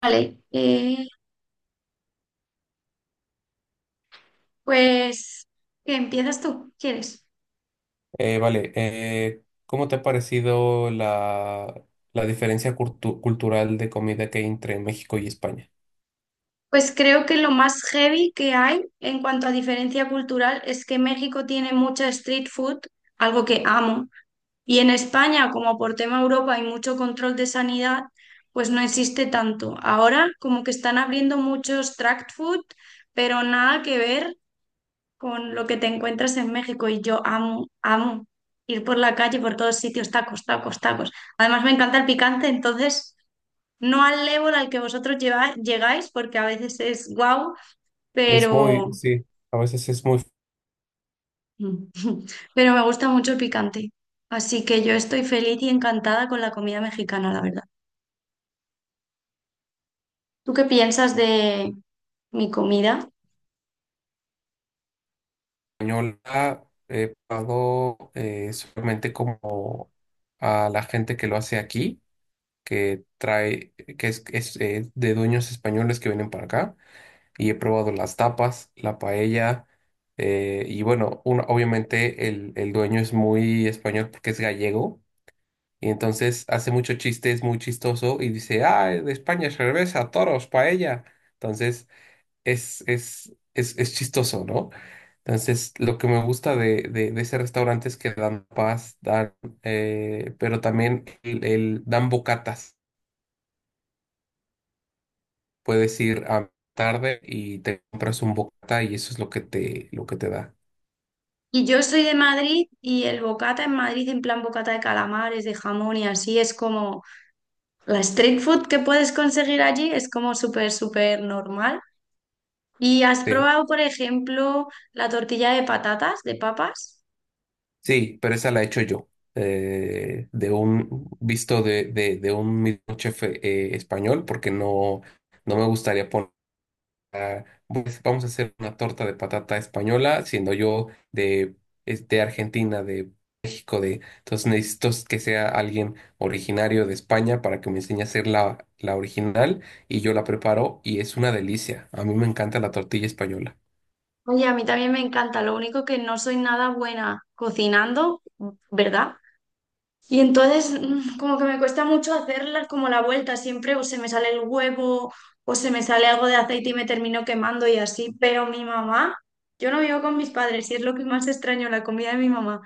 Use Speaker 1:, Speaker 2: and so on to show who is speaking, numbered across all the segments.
Speaker 1: Vale, eh, pues ¿qué empiezas tú? ¿Quieres?
Speaker 2: Vale, ¿Cómo te ha parecido la diferencia cultural de comida que hay entre México y España?
Speaker 1: Pues creo que lo más heavy que hay en cuanto a diferencia cultural es que México tiene mucha street food, algo que amo, y en España, como por tema Europa hay mucho control de sanidad, pues no existe tanto. Ahora como que están abriendo muchos tract food, pero nada que ver con lo que te encuentras en México y yo amo, amo ir por la calle, por todos sitios, tacos, tacos, tacos. Además me encanta el picante, entonces no al level al que vosotros llegáis, porque a veces es guau,
Speaker 2: Es
Speaker 1: pero,
Speaker 2: muy, sí, a veces es muy
Speaker 1: pero me gusta mucho el picante. Así que yo estoy feliz y encantada con la comida mexicana, la verdad. ¿Tú qué piensas de mi comida?
Speaker 2: española. He probado solamente como a la gente que lo hace aquí, que trae, que es de dueños españoles que vienen para acá, y he probado las tapas, la paella, y bueno, obviamente el dueño es muy español porque es gallego. Y entonces hace muchos chistes muy chistoso y dice, ah, de España, cerveza, toros, paella. Entonces es chistoso, ¿no? Entonces lo que me gusta de ese restaurante es que dan paz, dan, pero también dan bocatas. Puedes ir a tarde y te compras un bocata y eso es lo que lo que te da.
Speaker 1: Y yo soy de Madrid y el bocata en Madrid, en plan bocata de calamares, de jamón y así, es como la street food que puedes conseguir allí, es como súper, súper normal. ¿Y has
Speaker 2: Sí.
Speaker 1: probado, por ejemplo, la tortilla de patatas, de papas?
Speaker 2: Sí, pero esa la he hecho yo, de un visto de un mismo chef español, porque no, no me gustaría poner, pues, vamos a hacer una torta de patata española, siendo yo de, es de Argentina, de México, de, entonces necesito que sea alguien originario de España para que me enseñe a hacer la original y yo la preparo y es una delicia. A mí me encanta la tortilla española.
Speaker 1: Oye, a mí también me encanta, lo único que no soy nada buena cocinando, ¿verdad? Y entonces como que me cuesta mucho hacerla como la vuelta, siempre o se me sale el huevo o se me sale algo de aceite y me termino quemando y así, pero mi mamá, yo no vivo con mis padres y es lo que más extraño, la comida de mi mamá,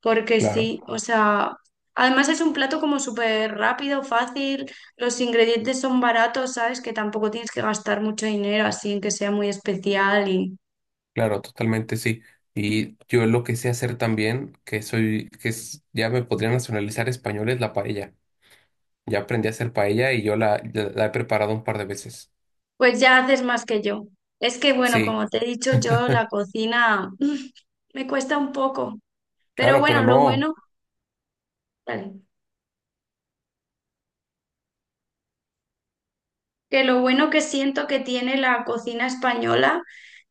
Speaker 1: porque
Speaker 2: Claro.
Speaker 1: sí, o sea, además es un plato como súper rápido, fácil, los ingredientes son baratos, ¿sabes? Que tampoco tienes que gastar mucho dinero así en que sea muy especial y...
Speaker 2: Claro, totalmente sí. Y yo lo que sé hacer también, que soy, ya me podría nacionalizar español, es la paella. Ya aprendí a hacer paella y yo la he preparado un par de veces.
Speaker 1: Pues ya haces más que yo. Es que, bueno,
Speaker 2: Sí,
Speaker 1: como te he dicho, yo la cocina me cuesta un poco. Pero
Speaker 2: claro, pero
Speaker 1: bueno, lo
Speaker 2: no.
Speaker 1: bueno, vale, que lo bueno que siento que tiene la cocina española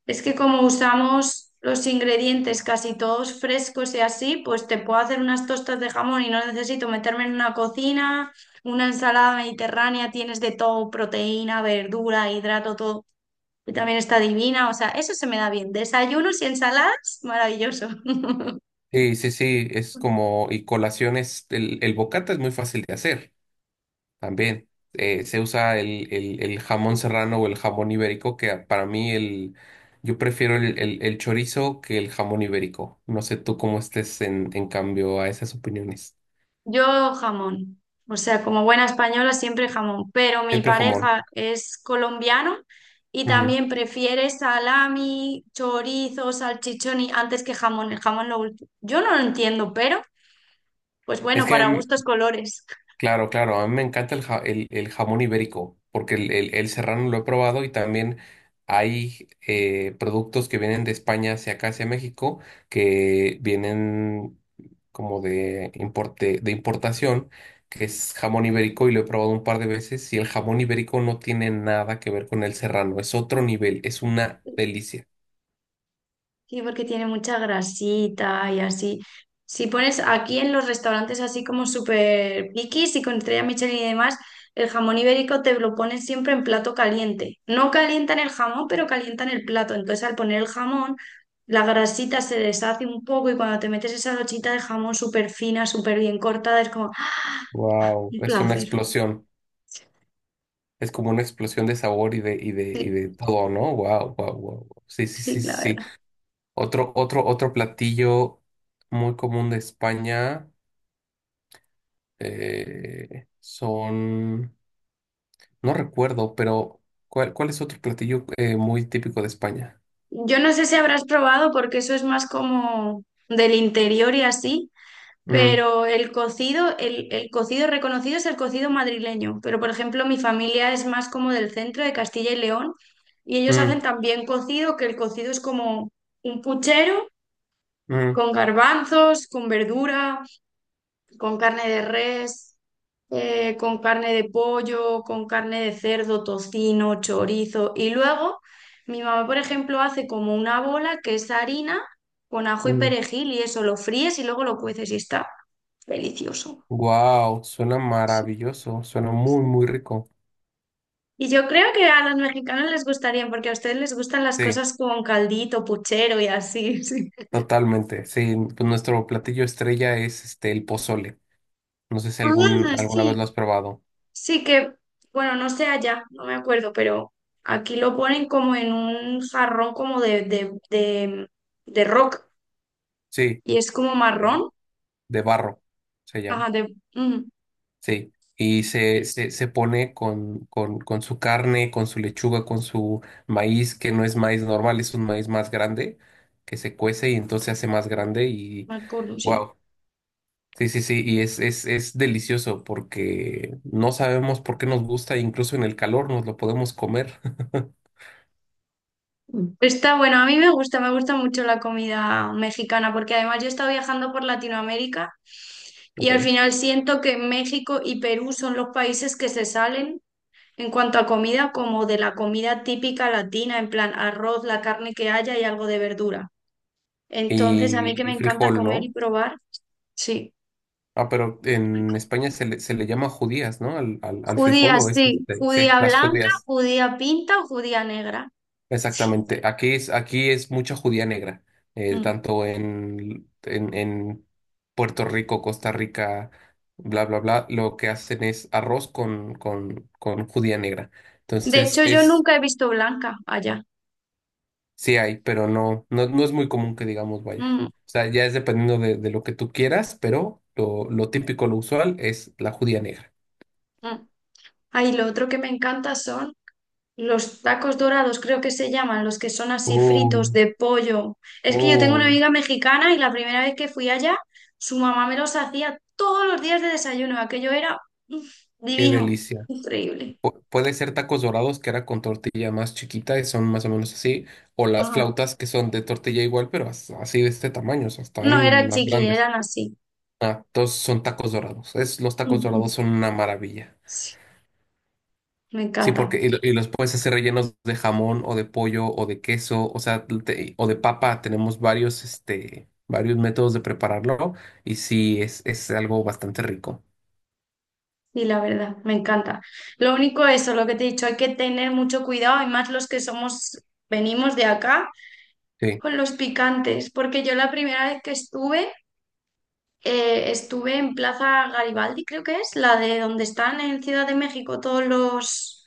Speaker 1: es que como usamos los ingredientes casi todos frescos y así, pues te puedo hacer unas tostas de jamón y no necesito meterme en una cocina, una ensalada mediterránea, tienes de todo, proteína, verdura, hidrato, todo. Y también está divina, o sea, eso se me da bien. Desayunos y ensaladas, maravilloso.
Speaker 2: Sí, sí, sí, es como, y colaciones, el bocata es muy fácil de hacer también. Se usa el jamón serrano o el jamón ibérico, que para mí el, yo prefiero el chorizo que el jamón ibérico. No sé tú cómo estés en cambio a esas opiniones.
Speaker 1: Yo jamón, o sea, como buena española siempre jamón, pero mi
Speaker 2: Siempre jamón.
Speaker 1: pareja es colombiano y
Speaker 2: Mm.
Speaker 1: también prefiere salami, chorizo, salchichón antes que jamón, el jamón lo último. Yo no lo entiendo, pero pues
Speaker 2: Es
Speaker 1: bueno,
Speaker 2: que,
Speaker 1: para
Speaker 2: mm,
Speaker 1: gustos colores.
Speaker 2: claro, claro, a mí me encanta el, jamón ibérico, porque el, el serrano lo he probado y también hay productos que vienen de España hacia acá, hacia México, que vienen como de, importe, de importación, que es jamón ibérico y lo he probado un par de veces y el jamón ibérico no tiene nada que ver con el serrano, es otro nivel, es una delicia.
Speaker 1: Sí, porque tiene mucha grasita y así. Si pones aquí en los restaurantes así como súper piquis y con estrella Michelin y demás, el jamón ibérico te lo ponen siempre en plato caliente. No calientan el jamón, pero calientan el plato. Entonces al poner el jamón, la grasita se deshace un poco y cuando te metes esa lochita de jamón súper fina, súper bien cortada, es como ¡ah!
Speaker 2: Wow.
Speaker 1: Un
Speaker 2: Es una
Speaker 1: placer.
Speaker 2: explosión. Es como una explosión de sabor y de, y de,
Speaker 1: Sí,
Speaker 2: y de todo, ¿no? Wow, wow, wow. Sí, sí,
Speaker 1: sí,
Speaker 2: sí,
Speaker 1: la
Speaker 2: sí, sí.
Speaker 1: verdad.
Speaker 2: Otro platillo muy común de España eh, son, no recuerdo, pero ¿cuál, cuál es otro platillo muy típico de España?
Speaker 1: Yo no sé si habrás probado porque eso es más como del interior y así.
Speaker 2: Mm,
Speaker 1: Pero el cocido, el cocido reconocido es el cocido madrileño. Pero, por ejemplo, mi familia es más como del centro de Castilla y León y ellos
Speaker 2: mm,
Speaker 1: hacen también cocido, que el cocido es como un puchero
Speaker 2: mm,
Speaker 1: con garbanzos, con verdura, con carne de res, con carne de pollo, con carne de cerdo, tocino, chorizo. Y luego mi mamá, por ejemplo, hace como una bola que es harina con ajo y
Speaker 2: mm.
Speaker 1: perejil y eso lo fríes y luego lo cueces y está delicioso.
Speaker 2: Wow, suena
Speaker 1: Sí.
Speaker 2: maravilloso, suena muy, muy rico.
Speaker 1: Y yo creo que a los mexicanos les gustaría, porque a ustedes les gustan las
Speaker 2: Sí,
Speaker 1: cosas con caldito, puchero y así. Sí.
Speaker 2: totalmente. Sí, pues nuestro platillo estrella es este el pozole. No sé si algún,
Speaker 1: Ah,
Speaker 2: alguna vez lo
Speaker 1: sí.
Speaker 2: has probado.
Speaker 1: Sí que, bueno, no sé allá, no me acuerdo, pero aquí lo ponen como en un jarrón como de rock
Speaker 2: Sí.
Speaker 1: y es como
Speaker 2: de,
Speaker 1: marrón.
Speaker 2: de barro, se llama.
Speaker 1: Ajá, de...
Speaker 2: Sí. Y se pone con su carne, con su lechuga, con su maíz, que no es maíz normal, es un maíz más grande, que se cuece y entonces se hace más grande y
Speaker 1: me acuerdo, sí.
Speaker 2: wow. Sí, sí, sí, y es delicioso porque no sabemos por qué nos gusta, incluso en el calor nos lo podemos comer.
Speaker 1: Está bueno, a mí me gusta mucho la comida mexicana porque además yo he estado viajando por Latinoamérica y al
Speaker 2: Ok.
Speaker 1: final siento que México y Perú son los países que se salen en cuanto a comida como de la comida típica latina, en plan arroz, la carne que haya y algo de verdura. Entonces a mí que
Speaker 2: Y,
Speaker 1: me
Speaker 2: y
Speaker 1: encanta
Speaker 2: frijol,
Speaker 1: comer y
Speaker 2: ¿no?
Speaker 1: probar, sí.
Speaker 2: Ah, pero en España se le llama judías, ¿no? Al
Speaker 1: Judía,
Speaker 2: frijol o es
Speaker 1: sí,
Speaker 2: este, sí,
Speaker 1: judía
Speaker 2: las
Speaker 1: blanca,
Speaker 2: judías.
Speaker 1: judía pinta o judía negra. Sí.
Speaker 2: Exactamente. Aquí es mucha judía negra,
Speaker 1: Mm.
Speaker 2: tanto en Puerto Rico, Costa Rica, bla, bla, bla. Lo que hacen es arroz con judía negra.
Speaker 1: De
Speaker 2: Entonces,
Speaker 1: hecho, yo
Speaker 2: es,
Speaker 1: nunca he visto blanca allá.
Speaker 2: sí hay, pero no, no, no es muy común que digamos vaya.
Speaker 1: Mm,
Speaker 2: O sea, ya es dependiendo de lo que tú quieras, pero lo típico, lo usual es la judía negra.
Speaker 1: mm. Ahí lo otro que me encanta son los tacos dorados, creo que se llaman, los que son así fritos
Speaker 2: Oh,
Speaker 1: de pollo. Es que yo tengo una
Speaker 2: oh,
Speaker 1: amiga mexicana y la primera vez que fui allá, su mamá me los hacía todos los días de desayuno. Aquello era mm,
Speaker 2: qué
Speaker 1: divino,
Speaker 2: delicia.
Speaker 1: increíble.
Speaker 2: Puede ser tacos dorados, que era con tortilla más chiquita y son más o menos así, o las
Speaker 1: Ajá.
Speaker 2: flautas que son de tortilla igual, pero así de este tamaño, o sea,
Speaker 1: No
Speaker 2: están
Speaker 1: era
Speaker 2: más
Speaker 1: chiqui,
Speaker 2: grandes.
Speaker 1: eran así.
Speaker 2: Ah, todos son tacos dorados. Es, los tacos
Speaker 1: Ujú.
Speaker 2: dorados son una maravilla.
Speaker 1: Sí, me
Speaker 2: Sí,
Speaker 1: encanta.
Speaker 2: porque y los puedes hacer rellenos de jamón o de pollo o de queso, o sea, o de papa. Tenemos varios, este, varios métodos de prepararlo y sí, es algo bastante rico.
Speaker 1: Y la verdad, me encanta. Lo único eso, lo que te he dicho, hay que tener mucho cuidado, y más los que somos, venimos de acá
Speaker 2: Sí,
Speaker 1: con los picantes, porque yo la primera vez que estuve estuve en Plaza Garibaldi, creo que es, la de donde están en Ciudad de México todos los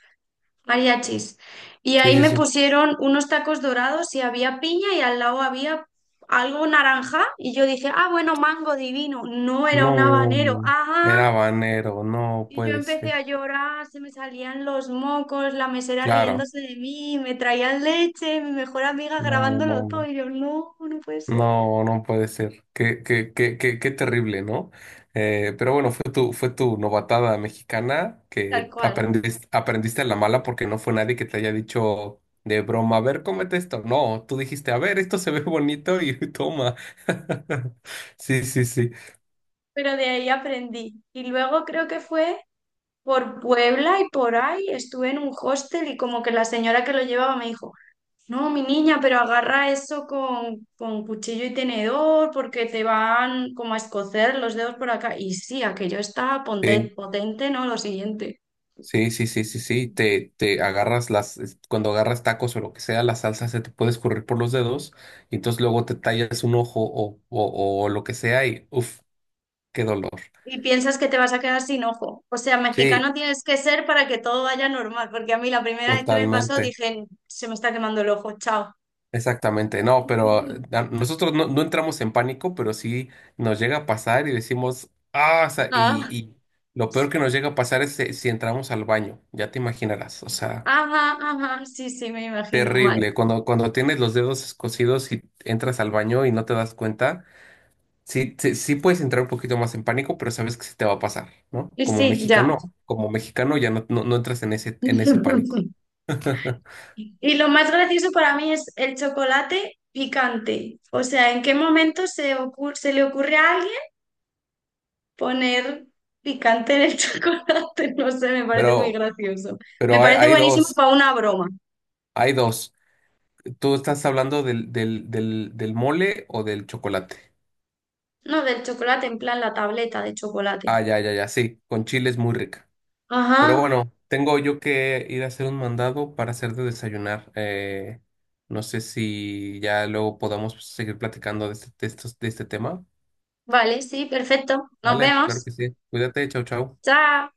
Speaker 1: mariachis. Y
Speaker 2: sí,
Speaker 1: ahí
Speaker 2: sí,
Speaker 1: me
Speaker 2: sí.
Speaker 1: pusieron unos tacos dorados y había piña y al lado había algo naranja. Y yo dije, ah, bueno, mango divino. No era
Speaker 2: No,
Speaker 1: un habanero. Ajá.
Speaker 2: era banero, no
Speaker 1: Y yo
Speaker 2: puede
Speaker 1: empecé
Speaker 2: ser.
Speaker 1: a llorar, se me salían los mocos, la mesera
Speaker 2: Claro.
Speaker 1: riéndose de mí, me traían leche, mi mejor amiga
Speaker 2: No,
Speaker 1: grabándolo
Speaker 2: no,
Speaker 1: todo.
Speaker 2: no.
Speaker 1: Y yo, no, no puede ser.
Speaker 2: No, no puede ser. Qué, qué, qué, qué, qué terrible, ¿no? Pero bueno, fue tu novatada mexicana
Speaker 1: Tal
Speaker 2: que
Speaker 1: cual.
Speaker 2: aprendiste, aprendiste a la mala porque no fue nadie que te haya dicho de broma, a ver, cómete esto. No, tú dijiste, a ver, esto se ve bonito y toma. Sí, sí, sí.
Speaker 1: Pero de ahí aprendí. Y luego creo que fue por Puebla y por ahí estuve en un hostel y como que la señora que lo llevaba me dijo, no, mi niña, pero agarra eso con cuchillo y tenedor porque te van como a escocer los dedos por acá. Y sí, aquello está
Speaker 2: Sí,
Speaker 1: potente, ¿no? Lo siguiente.
Speaker 2: sí, sí, sí, sí, sí. Te agarras las, cuando agarras tacos o lo que sea, la salsa se te puede escurrir por los dedos y entonces luego te tallas un ojo o lo que sea y uff. Qué dolor.
Speaker 1: Y piensas que te vas a quedar sin ojo. O sea,
Speaker 2: Sí,
Speaker 1: mexicano tienes que ser para que todo vaya normal, porque a mí la primera vez que me pasó
Speaker 2: totalmente.
Speaker 1: dije, se me está quemando el ojo, chao.
Speaker 2: Exactamente. No, pero nosotros no, no entramos en pánico, pero sí nos llega a pasar y decimos, ah, o sea,
Speaker 1: Ah,
Speaker 2: y lo peor que nos llega a pasar es si entramos al baño, ya te imaginarás. O sea,
Speaker 1: ajá, ajá, sí, sí, me imagino mal.
Speaker 2: terrible. Cuando tienes los dedos escocidos y entras al baño y no te das cuenta, sí, sí, sí puedes entrar un poquito más en pánico, pero sabes que sí te va a pasar, ¿no?
Speaker 1: Y sí, ya.
Speaker 2: Como mexicano ya no, no, no entras en ese pánico.
Speaker 1: Y lo más gracioso para mí es el chocolate picante. O sea, ¿en qué momento se le ocurre a alguien poner picante en el chocolate? No sé, me parece muy
Speaker 2: Pero,
Speaker 1: gracioso. Me
Speaker 2: pero hay,
Speaker 1: parece
Speaker 2: hay
Speaker 1: buenísimo
Speaker 2: dos.
Speaker 1: para una broma.
Speaker 2: Hay dos. ¿Tú estás hablando del mole o del chocolate?
Speaker 1: No, del chocolate, en plan la tableta de chocolate.
Speaker 2: Ah, ya, ya, ya, sí, con chile es muy rica. Pero
Speaker 1: Ajá,
Speaker 2: bueno, tengo yo que ir a hacer un mandado para hacer de desayunar. No sé si ya luego podamos seguir platicando de este, de estos, de este tema.
Speaker 1: vale, sí, perfecto. Nos
Speaker 2: Vale, claro
Speaker 1: vemos.
Speaker 2: que sí. Cuídate, chau, chau.
Speaker 1: Chao.